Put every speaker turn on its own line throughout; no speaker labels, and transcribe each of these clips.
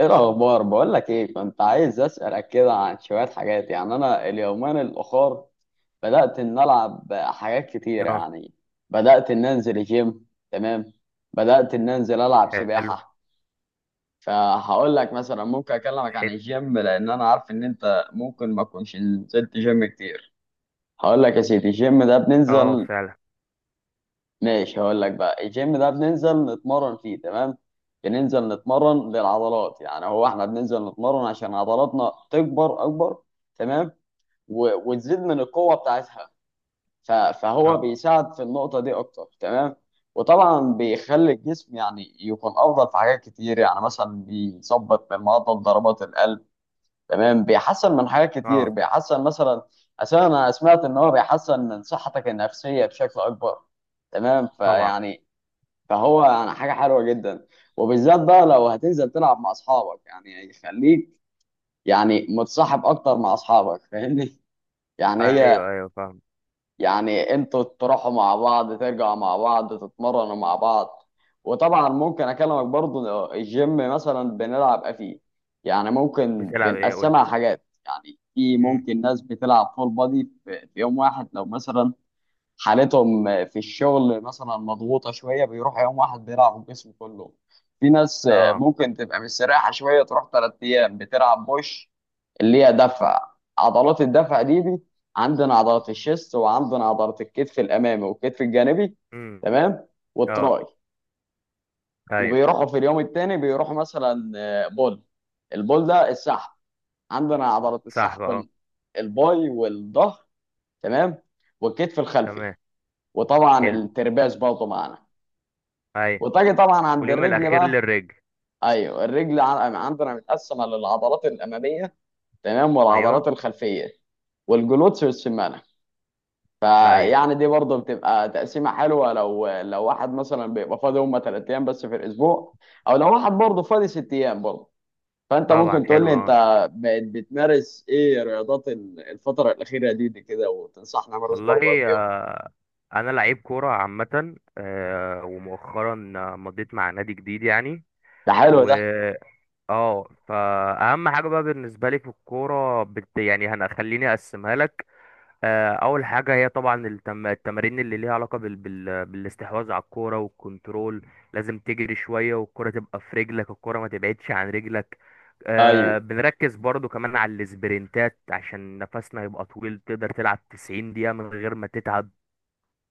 ايه الاخبار؟ بقول لك ايه، كنت عايز اسالك كده عن شويه حاجات. يعني انا اليومين الاخر بدات ان العب حاجات كتيره
اه.
يعني. بدات ان انزل جيم، تمام. بدات ان انزل العب
حلو.
سباحه. فهقول لك مثلا ممكن اكلمك عن
حلو.
الجيم لان انا عارف ان انت ممكن ما كنتش نزلت جيم كتير. هقول لك يا سيدي، الجيم ده
اه
بننزل.
فعلا.
ماشي، هقول لك بقى، الجيم ده بننزل نتمرن فيه، تمام. بننزل نتمرن للعضلات، يعني هو احنا بننزل نتمرن عشان عضلاتنا تكبر اكبر، تمام. و- وتزيد من القوة بتاعتها. ف- فهو
اه.
بيساعد في النقطة دي اكتر، تمام. وطبعا بيخلي الجسم يعني يكون افضل في حاجات كتير، يعني مثلا بيظبط من معدل ضربات القلب، تمام. بيحسن من حاجات كتير،
اه
بيحسن مثلا. اساسا انا سمعت ان هو بيحسن من صحتك النفسية بشكل اكبر، تمام.
طبعا.
فيعني فهو يعني حاجه حلوه جدا. وبالذات بقى لو هتنزل تلعب مع اصحابك، يعني خليك يعني متصاحب اكتر مع اصحابك، فاهمني؟ يعني هي
ايوه ايوه فاهم.
يعني انتوا تروحوا مع بعض، ترجعوا مع بعض، تتمرنوا مع بعض. وطبعا ممكن اكلمك برضو إنه الجيم مثلا بنلعب إيه فيه. يعني ممكن
بتلعب ايه قول لي؟
بنقسمها حاجات، يعني في
امم.
ممكن ناس بتلعب فول بادي في يوم واحد، لو مثلا حالتهم في الشغل مثلا مضغوطه شويه، بيروح يوم واحد بيلعب الجسم كله. في ناس
اه.
ممكن تبقى مستريحه شويه، تروح 3 ايام بتلعب بوش، اللي هي دفع. عضلات الدفع دي عندنا عضلات الشيست، وعندنا عضلات الكتف الامامي والكتف الجانبي،
امم.
تمام.
اه.
والتراي.
ايوه
وبيروحوا في اليوم الثاني بيروحوا مثلا آه، بول. البول ده السحب، عندنا عضلات
صح بقى
السحب
اه.
الباي والظهر، تمام. والكتف الخلفي.
تمام.
وطبعا
حلو.
الترباس برضه معانا.
ايوه،
وتجي طبعا عند
واليوم
الرجل
الاخير
بقى.
للرجل.
ايوه الرجل، عندنا متقسمه للعضلات الاماميه، تمام،
ايوه
والعضلات الخلفيه، والجلوتس والسمانه.
ايوه
فيعني دي برضه بتبقى تقسيمه حلوه لو واحد مثلا بيبقى فاضي هم 3 ايام بس في الاسبوع، او لو واحد برضه فاضي 6 ايام برضه. فانت
طبعا
ممكن تقول
حلو
لي، انت
اه.
بقيت بتمارس ايه رياضات الفتره الاخيره دي كده، وتنصحني امارس برضه ايه
والله،
فيهم.
انا لعيب كوره عامه، ومؤخرا مضيت مع نادي جديد يعني.
ده حلو
و
ده.
اه فاهم حاجه بقى بالنسبه لي في الكوره يعني هنخليني اقسمها لك. اول حاجه هي طبعا التمارين اللي ليها علاقه بالاستحواذ على الكوره والكنترول. لازم تجري شويه والكوره تبقى في رجلك، الكوره ما تبعدش عن رجلك.
ايوه،
بنركز برضو كمان على السبرنتات عشان نفسنا يبقى طويل تقدر تلعب 90 دقيقه من غير ما تتعب.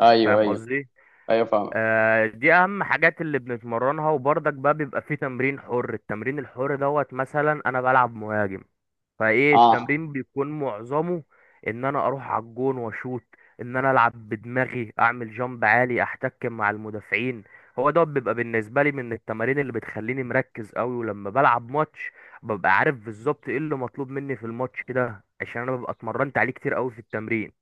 ايوه،
فاهم
ايوه،
قصدي؟
ايوه، فاهمك.
دي اهم حاجات اللي بنتمرنها، وبرضك بقى بيبقى في تمرين حر. التمرين الحر دوت مثلا انا بلعب مهاجم، فايه
اه،
التمرين بيكون معظمه ان انا اروح على الجون واشوط، ان انا العب بدماغي اعمل جامب عالي احتك مع المدافعين. هو ده بيبقى بالنسبه لي من التمارين اللي بتخليني مركز قوي، ولما بلعب ماتش ببقى عارف بالظبط ايه اللي مطلوب مني في الماتش ده عشان انا ببقى اتمرنت عليه كتير قوي في التمرين.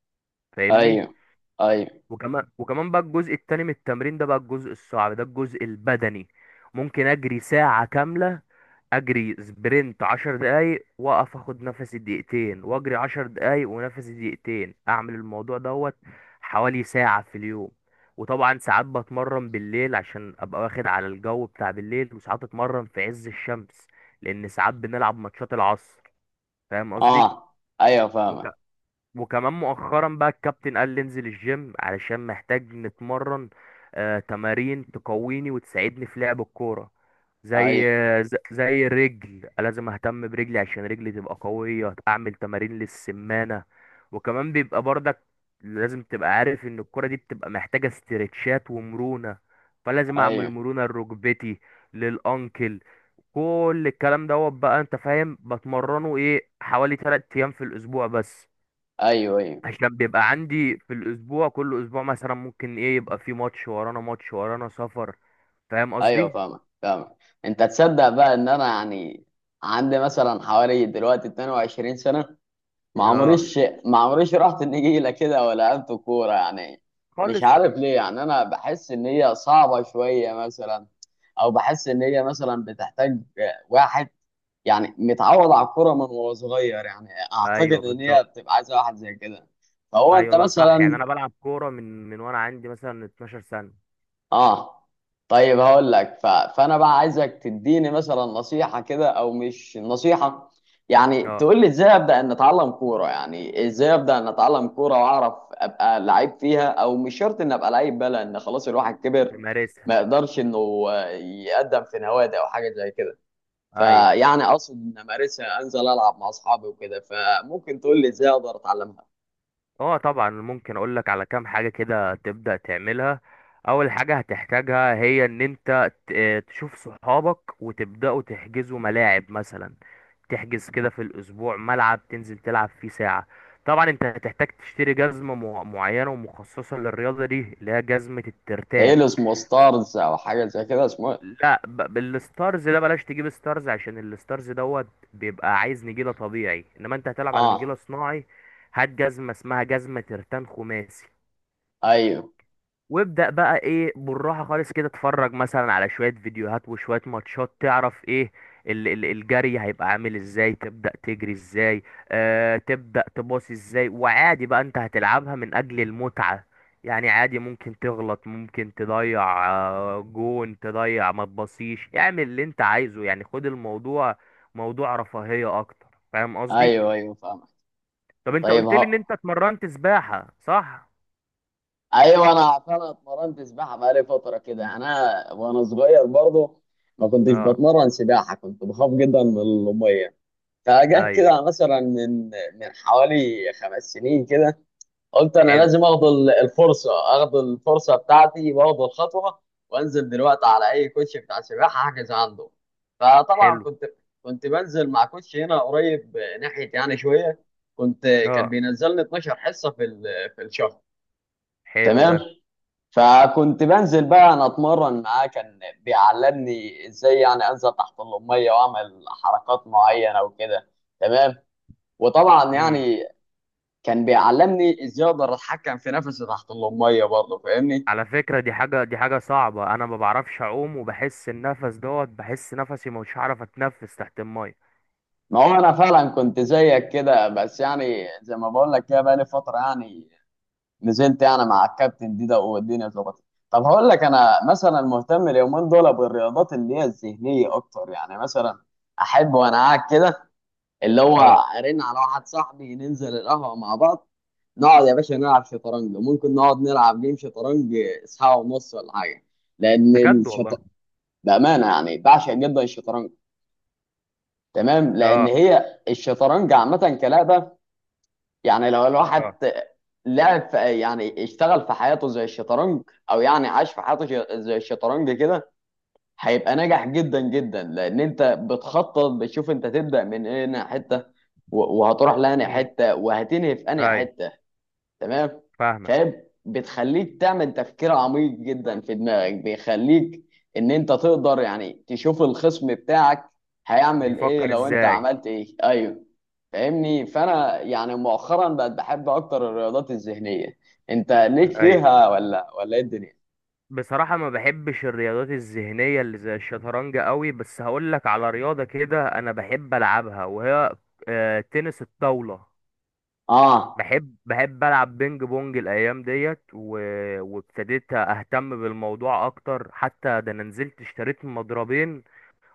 فاهمني؟
ايوه، ايوه،
وكمان بقى الجزء التاني من التمرين ده بقى الجزء الصعب، ده الجزء البدني. ممكن اجري ساعه كامله، اجري سبرنت 10 دقايق، واقف اخد نفسي دقيقتين، واجري 10 دقايق ونفسي دقيقتين، اعمل الموضوع دوت حوالي ساعة في اليوم. وطبعا ساعات بتمرن بالليل عشان ابقى واخد على الجو بتاع بالليل، وساعات اتمرن في عز الشمس لان ساعات بنلعب ماتشات العصر. فاهم قصدي؟
اه، ايوه،
وك...
فاهمك.
وكمان مؤخرا بقى الكابتن قال لي انزل الجيم علشان محتاج نتمرن. تمارين تقويني وتساعدني في لعب الكورة. زي
ايوه،
زي الرجل، لازم اهتم برجلي عشان رجلي تبقى قوية، اعمل تمارين للسمانة. وكمان بيبقى برضك لازم تبقى عارف ان الكرة دي بتبقى محتاجة استرتشات ومرونة، فلازم اعمل
ايوه،
مرونة لركبتي، للانكل. كل الكلام دوت بقى انت فاهم بتمرنه ايه حوالي 3 ايام في الاسبوع بس،
ايوه، ايوه،
عشان بيبقى عندي في الاسبوع كل اسبوع مثلا ممكن ايه يبقى في ماتش ورانا، ماتش ورانا، سفر. فاهم
ايوه،
قصدي؟
فاهمك فاهمك. انت تصدق بقى ان انا يعني عندي مثلا حوالي دلوقتي 22 سنه. ما
اه.
عمريش رحت النجيله كده ولا لعبت كوره يعني. مش
خالص.
عارف ليه، يعني انا بحس ان هي صعبه شويه مثلا، او بحس ان هي مثلا بتحتاج واحد يعني متعود على الكوره من وهو صغير، يعني اعتقد
ايوه
ان هي
بالظبط.
بتبقى عايزه واحد زي كده. فهو انت
ايوه لا صح، يعني
مثلا.
انا بلعب كوره من وانا عندي مثلا 12 سنه.
اه. طيب هقول لك، ف... فانا بقى عايزك تديني مثلا نصيحه كده، او مش نصيحه، يعني
اه.
تقول لي ازاي ابدا ان اتعلم كوره. يعني ازاي ابدا ان اتعلم كوره واعرف ابقى لعيب فيها، او مش شرط ان ابقى لعيب بقى، لان خلاص الواحد كبر،
بمارسها.
ما يقدرش انه يقدم في نوادي او حاجه زي كده.
ايوه.
فيعني اقصد ان امارسها، انزل العب مع اصحابي وكده، فممكن تقول لي ازاي اقدر اتعلمها.
اه طبعا، ممكن اقول لك على كام حاجة كده تبدأ تعملها. اول حاجة هتحتاجها هي ان انت تشوف صحابك وتبدأوا تحجزوا ملاعب مثلا، تحجز كده في الاسبوع ملعب تنزل تلعب فيه ساعة. طبعا انت هتحتاج تشتري جزمة معينة ومخصصة للرياضة دي اللي هي جزمة الترتان.
هيل اسمه ستارز او حاجه زي كده، اسمه إيه؟
لا، بالستارز ده بلاش تجيب ستارز عشان الستارز دوت بيبقى عايز نجيلة طبيعي، انما انت هتلعب على نجيلة
اه.
صناعي. هات جزمة اسمها جزمة ترتان خماسي،
ايوه،
وابدأ بقى ايه بالراحة خالص كده. اتفرج مثلا على شوية فيديوهات وشوية ماتشات تعرف ايه الجري هيبقى عامل ازاي، تبدأ تجري ازاي، تبدأ تباصي ازاي. وعادي بقى انت هتلعبها من اجل المتعة، يعني عادي ممكن تغلط، ممكن تضيع جون، تضيع ما تبصيش، اعمل اللي انت عايزه. يعني خد الموضوع موضوع رفاهية اكتر. فاهم قصدي؟
ايوه، ايوه، فاهم.
طب انت
طيب
قلت لي ان
هو،
انت اتمرنت سباحة صح؟
ايوه انا اتمرنت سباحه بقالي فتره كده، انا وانا صغير برضو ما كنتش
اه.
بتمرن سباحه، كنت بخاف جدا من الميه. فجاه
ايوه.
كده مثلا من حوالي 5 سنين كده قلت انا
حلو.
لازم اخد الفرصه، اخد الفرصه بتاعتي واخد الخطوه، وانزل دلوقتي على اي كوتش بتاع سباحه احجز عنده. فطبعا
حلو.
كنت بنزل مع كوتش هنا قريب ناحيه يعني شويه. كنت كان
اه
بينزلني 12 حصه في في الشهر،
حلو
تمام.
ده.
فكنت بنزل بقى انا اتمرن معاه، كان بيعلمني ازاي يعني انزل تحت الاميه واعمل حركات معينه وكده، تمام. وطبعا
امم.
يعني كان بيعلمني ازاي اقدر اتحكم في نفسي تحت الاميه برضه، فاهمني؟
على فكرة، دي حاجة صعبة، انا ما بعرفش اعوم وبحس النفس دوت، بحس نفسي مش هعرف اتنفس تحت المية.
ما هو انا فعلا كنت زيك كده، بس يعني زي ما بقول لك كده بقالي فتره يعني، نزلت يعني مع الكابتن دي ده والدنيا ظبطت. طب هقول لك، انا مثلا مهتم اليومين دول بالرياضات اللي هي الذهنيه اكتر، يعني مثلا احب وانا قاعد كده، اللي هو
اه
ارن على واحد صاحبي ننزل القهوه مع بعض، نقعد يا باشا نلعب شطرنج. ممكن نقعد نلعب جيم شطرنج ساعه ونص ولا حاجه. لان
بجد والله.
الشط، بامانه يعني بعشق جدا الشطرنج، تمام. لان
اه.
هي الشطرنج عامه كلعبه، يعني لو
اه.
الواحد لعب في، يعني اشتغل في حياته زي الشطرنج، او يعني عاش في حياته زي الشطرنج كده، هيبقى ناجح جدا جدا. لان انت بتخطط، بتشوف انت تبدا من هنا حته، و- وهتروح لانهي
امم.
حته، وهتنهي في انهي
ايوه
حته، تمام.
فاهمك.
فاهم، بتخليك تعمل تفكير عميق جدا في دماغك، بيخليك ان انت تقدر يعني تشوف الخصم بتاعك هيعمل ايه
بيفكر
لو انت
ازاي.
عملت ايه. ايوه، فاهمني؟ فانا يعني مؤخرا بقت بحب اكتر الرياضات الذهنيه. انت ليك
ايوه
فيها ولا ايه الدنيا؟
بصراحة ما بحبش الرياضات الذهنية اللي زي الشطرنج قوي، بس هقول لك على رياضة كده انا بحب العبها، وهي تنس الطاولة.
اه،
بحب العب بينج بونج الايام ديت وابتديت اهتم بالموضوع اكتر، حتى ده انا نزلت اشتريت مضربين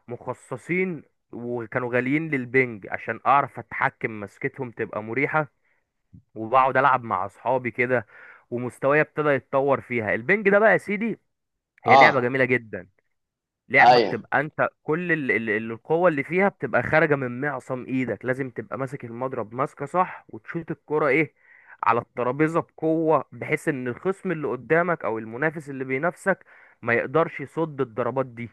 مخصصين، وكانوا غاليين للبنج عشان اعرف اتحكم، مسكتهم تبقى مريحة، وبقعد العب مع اصحابي كده ومستواي ابتدى يتطور فيها. البنج ده بقى يا سيدي هي لعبة
اه،
جميلة جدا. لعبة
ايوه،
بتبقى انت كل القوة اللي فيها بتبقى خارجة من معصم ايدك، لازم تبقى ماسك المضرب ماسكة صح وتشوط الكرة ايه على الترابيزة بقوة، بحيث ان الخصم اللي قدامك او المنافس اللي بينافسك ما يقدرش يصد الضربات دي.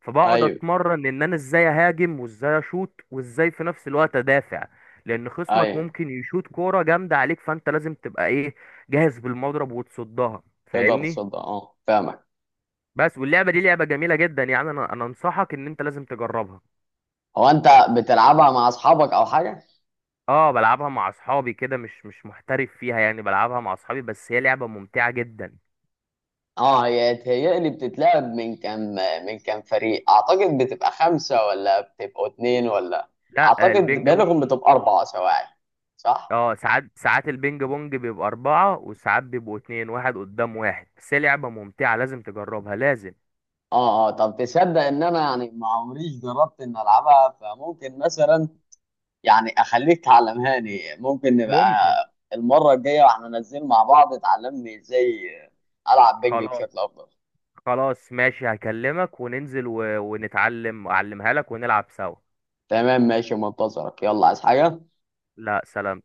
فبقعد
ايوه،
اتمرن ان انا ازاي اهاجم وازاي اشوط وازاي في نفس الوقت ادافع، لان خصمك
ايوه،
ممكن يشوط كورة جامدة عليك، فانت لازم تبقى ايه جاهز بالمضرب وتصدها.
تقدر
فاهمني؟
تصدق. اه فاهمك.
بس واللعبه دي لعبه جميله جدا، يعني انا انصحك ان انت لازم تجربها.
هو انت بتلعبها مع اصحابك او حاجه؟
اه بلعبها مع اصحابي كده، مش محترف فيها، يعني بلعبها مع اصحابي بس، هي لعبه ممتعه جدا.
اه، هي تهيألي بتتلعب من كام، من كام فريق، اعتقد بتبقى خمسه، ولا بتبقوا اتنين، ولا
لا
اعتقد
البينج
بينهم
بونج.
بتبقى اربعه سواعي، صح؟
اه ساعات ساعات البينج بونج بيبقى اربعه، وساعات بيبقوا اتنين، واحد قدام واحد، بس هي لعبه ممتعه، لازم تجربها لازم.
اه، اه. طب تصدق ان انا يعني ما عمريش جربت ان العبها؟ فممكن مثلا يعني اخليك تعلمهاني، ممكن نبقى
ممكن.
المره الجايه واحنا نازلين مع بعض تعلمني ازاي العب بنج
خلاص.
بشكل افضل.
خلاص ماشي، هكلمك وننزل ونتعلم اعلمها لك ونلعب سوا.
تمام، ماشي، منتظرك، يلا، عايز حاجه؟
لا سلام.